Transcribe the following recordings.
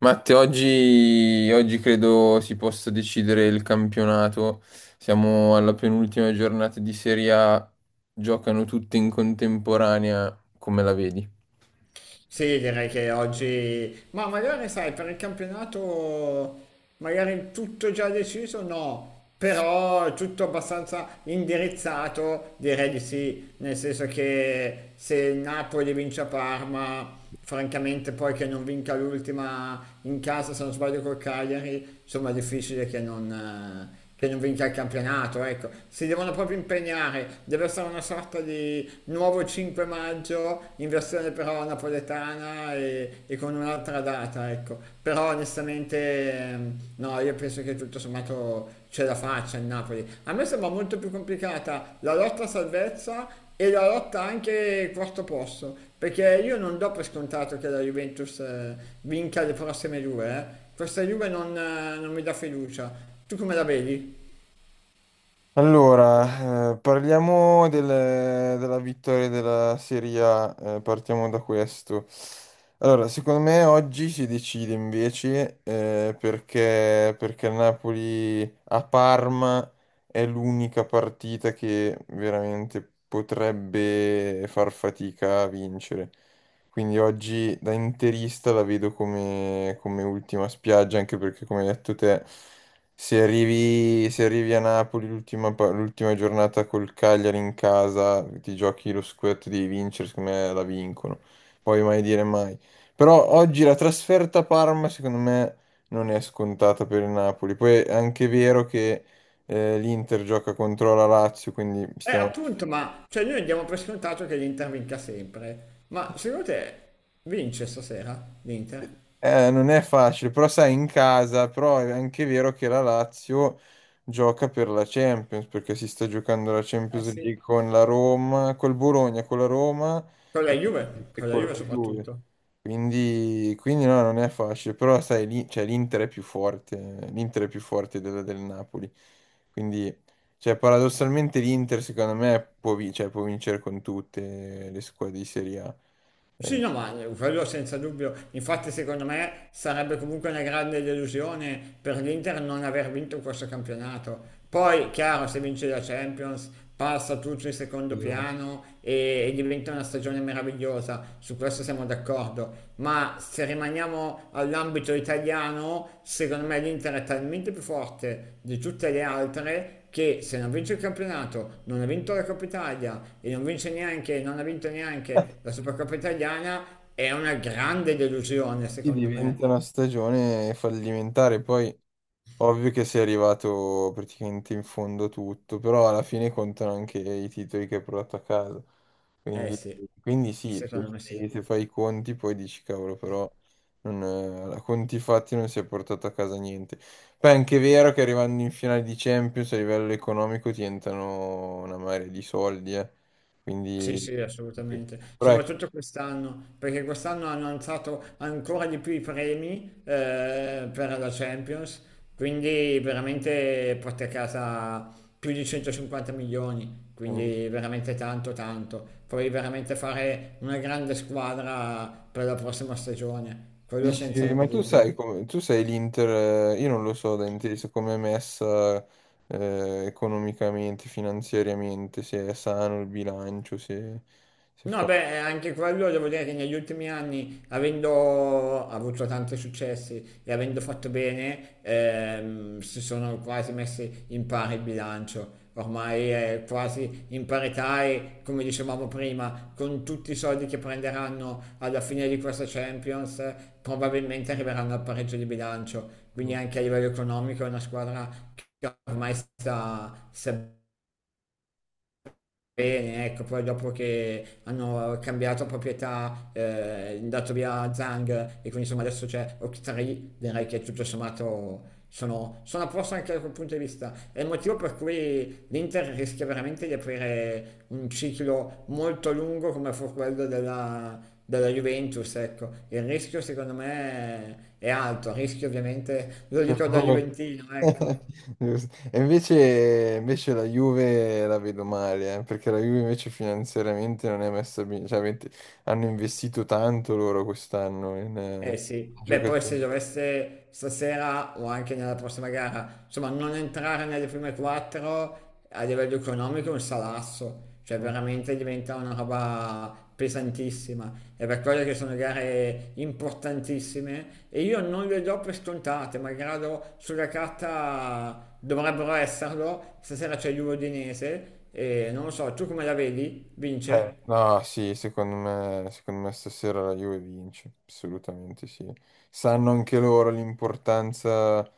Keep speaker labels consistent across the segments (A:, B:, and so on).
A: Matte, oggi, oggi credo si possa decidere il campionato. Siamo alla penultima giornata di Serie A, giocano tutte in contemporanea, come la vedi?
B: Sì, direi che oggi, ma magari sai, per il campionato magari tutto già deciso, no, però tutto abbastanza indirizzato, direi di sì, nel senso che se il Napoli vince a Parma francamente poi che non vinca l'ultima in casa, se non sbaglio col Cagliari, insomma è difficile che non vinca il campionato, ecco. Si devono proprio impegnare, deve essere una sorta di nuovo 5 maggio, in versione però napoletana e con un'altra data, ecco. Però onestamente no, io penso che tutto sommato ce la faccia il Napoli. A me sembra molto più complicata la lotta a salvezza e la lotta anche quarto posto, perché io non do per scontato che la Juventus vinca le prossime due, eh. Questa Juve non mi dà fiducia. Tu come la vedi?
A: Allora, parliamo della vittoria della Serie A, partiamo da questo. Allora, secondo me oggi si decide invece, perché, perché il Napoli a Parma è l'unica partita che veramente potrebbe far fatica a vincere. Quindi oggi da interista la vedo come, come ultima spiaggia, anche perché come hai detto te. Se arrivi, se arrivi a Napoli l'l'ultima giornata col Cagliari in casa, ti giochi lo scudetto, devi vincere, secondo me la vincono. Poi mai dire mai. Però oggi la trasferta a Parma, secondo me, non è scontata per il Napoli. Poi è anche vero che l'Inter gioca contro la Lazio, quindi stiamo.
B: Appunto, ma cioè noi diamo per scontato che l'Inter vinca sempre. Ma secondo te vince stasera l'Inter?
A: Non è facile, però sai, in casa, però è anche vero che la Lazio gioca per la Champions, perché si sta giocando la
B: Eh
A: Champions
B: sì.
A: League con la Roma, col Bologna, con la Roma
B: Con la
A: e,
B: Juve?
A: e
B: Con la
A: con
B: Juve
A: la Juve.
B: soprattutto.
A: Quindi, quindi no, non è facile, però sai, lì, cioè, l'Inter è più forte, l'Inter è più forte del Napoli. Quindi, cioè, paradossalmente l'Inter, secondo me, può, cioè, può vincere con tutte le squadre di Serie A.
B: Sì, no, ma quello senza dubbio. Infatti, secondo me sarebbe comunque una grande delusione per l'Inter non aver vinto questo campionato. Poi, chiaro, se vince la Champions, passa tutto in
A: Eh,
B: secondo piano e diventa una stagione meravigliosa. Su questo siamo d'accordo. Ma se rimaniamo all'ambito italiano, secondo me l'Inter è talmente più forte di tutte le altre che se non vince il campionato, non ha vinto la Coppa Italia e non vince neanche, non ha vinto neanche la Supercoppa Italiana, è una grande delusione,
A: sì,
B: secondo
A: diventa
B: me.
A: una stagione fallimentare. Poi, ovvio che sei arrivato praticamente in fondo tutto, però alla fine contano anche i titoli che hai portato a casa.
B: Eh
A: Quindi,
B: sì,
A: quindi sì, se
B: secondo me sì.
A: fai, se fai i conti poi dici cavolo, però non, a conti fatti non si è portato a casa niente. Poi è anche vero che arrivando in finale di Champions a livello economico ti entrano una marea di soldi, eh.
B: Sì,
A: Quindi.
B: sì, assolutamente.
A: Però ecco,
B: Soprattutto quest'anno, perché quest'anno hanno alzato ancora di più i premi per la Champions, quindi veramente porta a casa più di 150 milioni,
A: ehm,
B: quindi veramente tanto, tanto. Puoi veramente fare una grande squadra per la prossima stagione, quello
A: dici,
B: senza
A: ma tu sai
B: dubbio.
A: come, tu sei l'Inter, io non lo so da inteso come è messa, economicamente, finanziariamente, se è sano il bilancio, se, se
B: No,
A: fa.
B: beh, anche quello devo dire che negli ultimi anni, avendo avuto tanti successi e avendo fatto bene, si sono quasi messi in pari il bilancio. Ormai è quasi in parità e, come dicevamo prima, con tutti i soldi che prenderanno alla fine di questa Champions, probabilmente arriveranno al pareggio di bilancio. Quindi
A: Mm.
B: anche a livello economico è una squadra che ormai sta bene, ecco, poi dopo che hanno cambiato proprietà, dato via Zhang e quindi insomma adesso c'è Octree, direi che tutto sommato sono a posto anche da quel punto di vista. È il motivo per cui l'Inter rischia veramente di aprire un ciclo molto lungo come fu quello della Juventus, ecco. Il rischio secondo me è alto, il rischio ovviamente, lo
A: Per
B: dico da
A: favore.
B: Juventino, ecco.
A: Giusto. E invece, invece la Juve la vedo male, perché la Juve invece finanziariamente non è messa bene, cioè hanno investito tanto loro quest'anno in,
B: Eh sì, beh poi se
A: giocatori.
B: dovesse stasera o anche nella prossima gara, insomma non entrare nelle prime quattro a livello economico è un salasso, cioè
A: Mm.
B: veramente diventa una roba pesantissima. È per quello che sono gare importantissime e io non le do per scontate, malgrado sulla carta dovrebbero esserlo. Stasera c'è l'Udinese e non lo so, tu come la vedi? Vince?
A: No, sì, secondo me stasera la Juve vince, assolutamente sì. Sanno anche loro l'importanza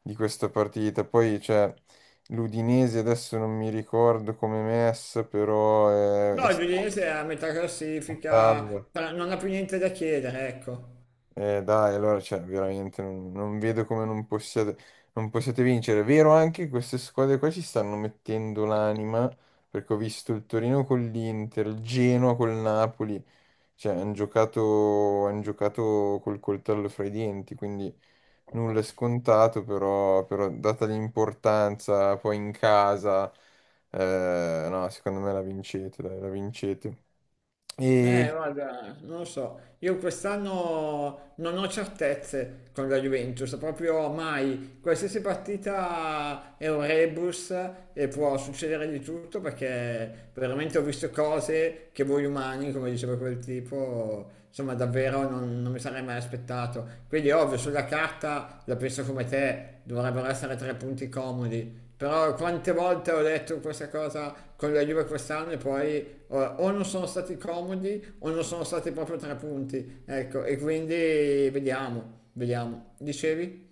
A: di questa partita. Poi, cioè, l'Udinese adesso non mi ricordo come è messa, però è
B: No, il Udinese è a metà classifica,
A: salvo.
B: non ha più niente da chiedere, ecco.
A: Dai, allora, cioè, veramente non, non vedo come non possiate, non possiate vincere. È vero anche che queste squadre qua ci stanno mettendo l'anima, perché ho visto il Torino con l'Inter, il Genoa con il Napoli. Cioè, hanno giocato, han giocato col coltello fra i denti, quindi nulla è scontato, però, però data l'importanza poi in casa, no, secondo me la vincete, dai, la vincete. E sì.
B: Guarda, non lo so, io quest'anno non ho certezze con la Juventus, proprio mai. Qualsiasi partita è un rebus e può succedere di tutto perché veramente ho visto cose che voi umani, come diceva quel tipo, insomma davvero non mi sarei mai aspettato. Quindi ovvio, sulla carta la penso come te, dovrebbero essere tre punti comodi. Però quante volte ho detto questa cosa con la Juve quest'anno e poi allora, o non sono stati comodi o non sono stati proprio tre punti, ecco, e quindi vediamo, vediamo. Dicevi?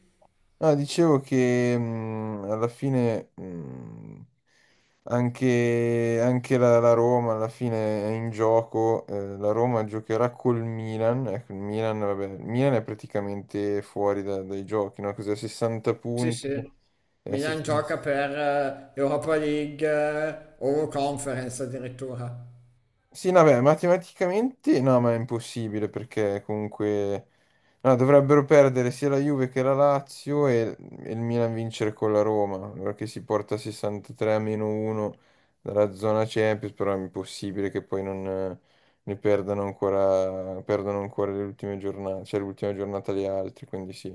A: No, dicevo che, alla fine, anche, anche la Roma alla fine è in gioco, la Roma giocherà col Milan, ecco, il Milan, vabbè, il Milan è praticamente fuori dai giochi, no? Cos'è, 60
B: Sì,
A: punti?
B: sì. Milan gioca per Europa League o Conference addirittura.
A: Sì, no, beh, matematicamente no, ma è impossibile perché comunque no, dovrebbero perdere sia la Juve che la Lazio e il Milan vincere con la Roma, allora che si porta a 63 a meno 1 dalla zona Champions, però è impossibile che poi non ne perdano ancora, perdono ancora le ultime giornate, cioè l'ultima giornata gli altri, quindi sì,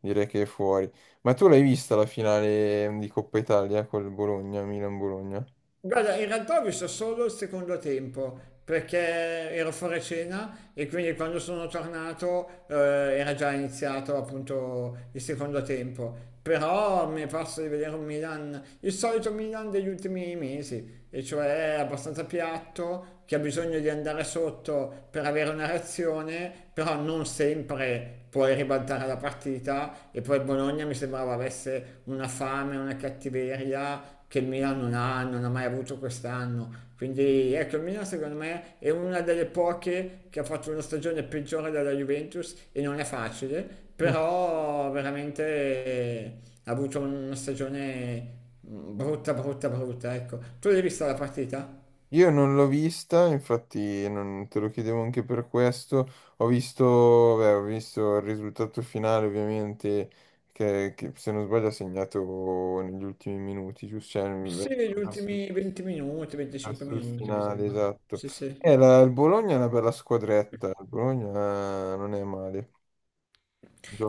A: direi che è fuori. Ma tu l'hai vista la finale di Coppa Italia col Bologna, Milan-Bologna?
B: Guarda, in realtà ho visto solo il secondo tempo perché ero fuori cena e quindi quando sono tornato era già iniziato appunto il secondo tempo. Però mi è parso di vedere un Milan, il solito Milan degli ultimi mesi, e cioè è abbastanza piatto, che ha bisogno di andare sotto per avere una reazione, però non sempre puoi ribaltare la partita e poi il Bologna mi sembrava avesse una fame, una cattiveria che il Milan non ha, non ha mai avuto quest'anno. Quindi ecco, il Milan secondo me è una delle poche che ha fatto una stagione peggiore della Juventus e non è facile, però veramente ha avuto una stagione mm, brutta, brutta, brutta, ecco. Tu l'hai vista la partita?
A: Io non l'ho vista, infatti non te lo chiedevo anche per questo. Ho visto, beh, ho visto il risultato finale, ovviamente, che, se non sbaglio ha segnato negli ultimi minuti, giusto? Cioè,
B: Sì,
A: verso,
B: negli
A: Arthur,
B: ultimi 20 minuti, 25
A: verso il
B: minuti, mi
A: finale,
B: sembra.
A: esatto.
B: Sì, sì.
A: E il Bologna è una bella squadretta, il Bologna non è male,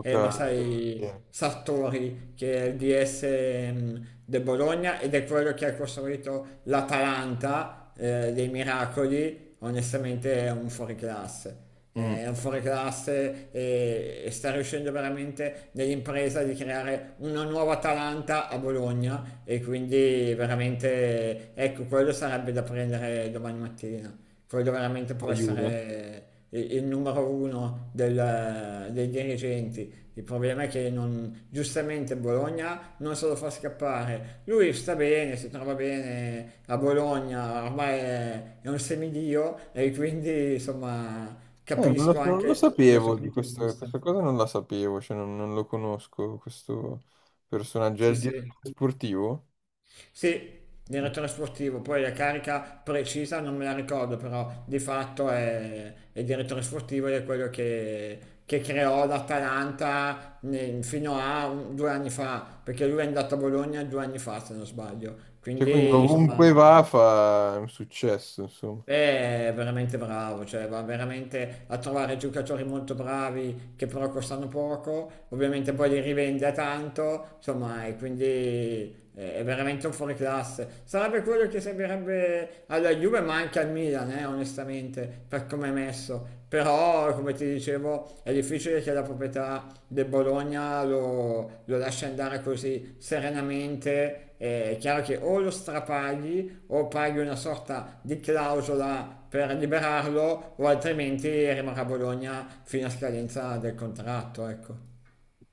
B: Eh, ma sai,
A: bene.
B: Sartori che è il DS del Bologna ed è quello che ha costruito l'Atalanta dei miracoli, onestamente è un fuoriclasse.
A: Mm.
B: È un fuoriclasse e sta riuscendo veramente nell'impresa di creare una nuova Atalanta a Bologna e quindi veramente ecco quello sarebbe da prendere domani mattina. Quello veramente può
A: La Juve.
B: essere il numero uno dei dirigenti, il problema è che non, giustamente Bologna non se lo fa scappare. Lui sta bene, si trova bene a Bologna, ormai è un semidio e quindi insomma
A: Non lo,
B: capisco
A: so, non lo
B: anche dal suo
A: sapevo di
B: punto di
A: questo,
B: vista.
A: questa cosa non la sapevo, cioè non, non lo conosco questo personaggio, è
B: Sì,
A: il
B: sì.
A: direttore sportivo.
B: Sì, era trasportivo, poi la carica precisa non me la ricordo, però di fatto è direttore sportivo ed è quello che creò l'Atalanta fino a 2 anni fa, perché lui è andato a Bologna 2 anni fa, se non sbaglio.
A: Cioè, quindi
B: Quindi, insomma,
A: ovunque va fa un successo,
B: beh, è veramente bravo, cioè va veramente a trovare giocatori molto bravi che però costano poco, ovviamente poi li rivende a tanto, insomma, e quindi è veramente un fuoriclasse. Sarebbe quello che servirebbe alla Juve, ma anche al Milan, onestamente, per come è messo. Però, come ti dicevo, è difficile che la proprietà del Bologna lo lascia andare così serenamente. È chiaro che o lo strapagli o paghi una sorta di clausola per liberarlo o altrimenti rimarrà a Bologna fino a scadenza del contratto. Ecco.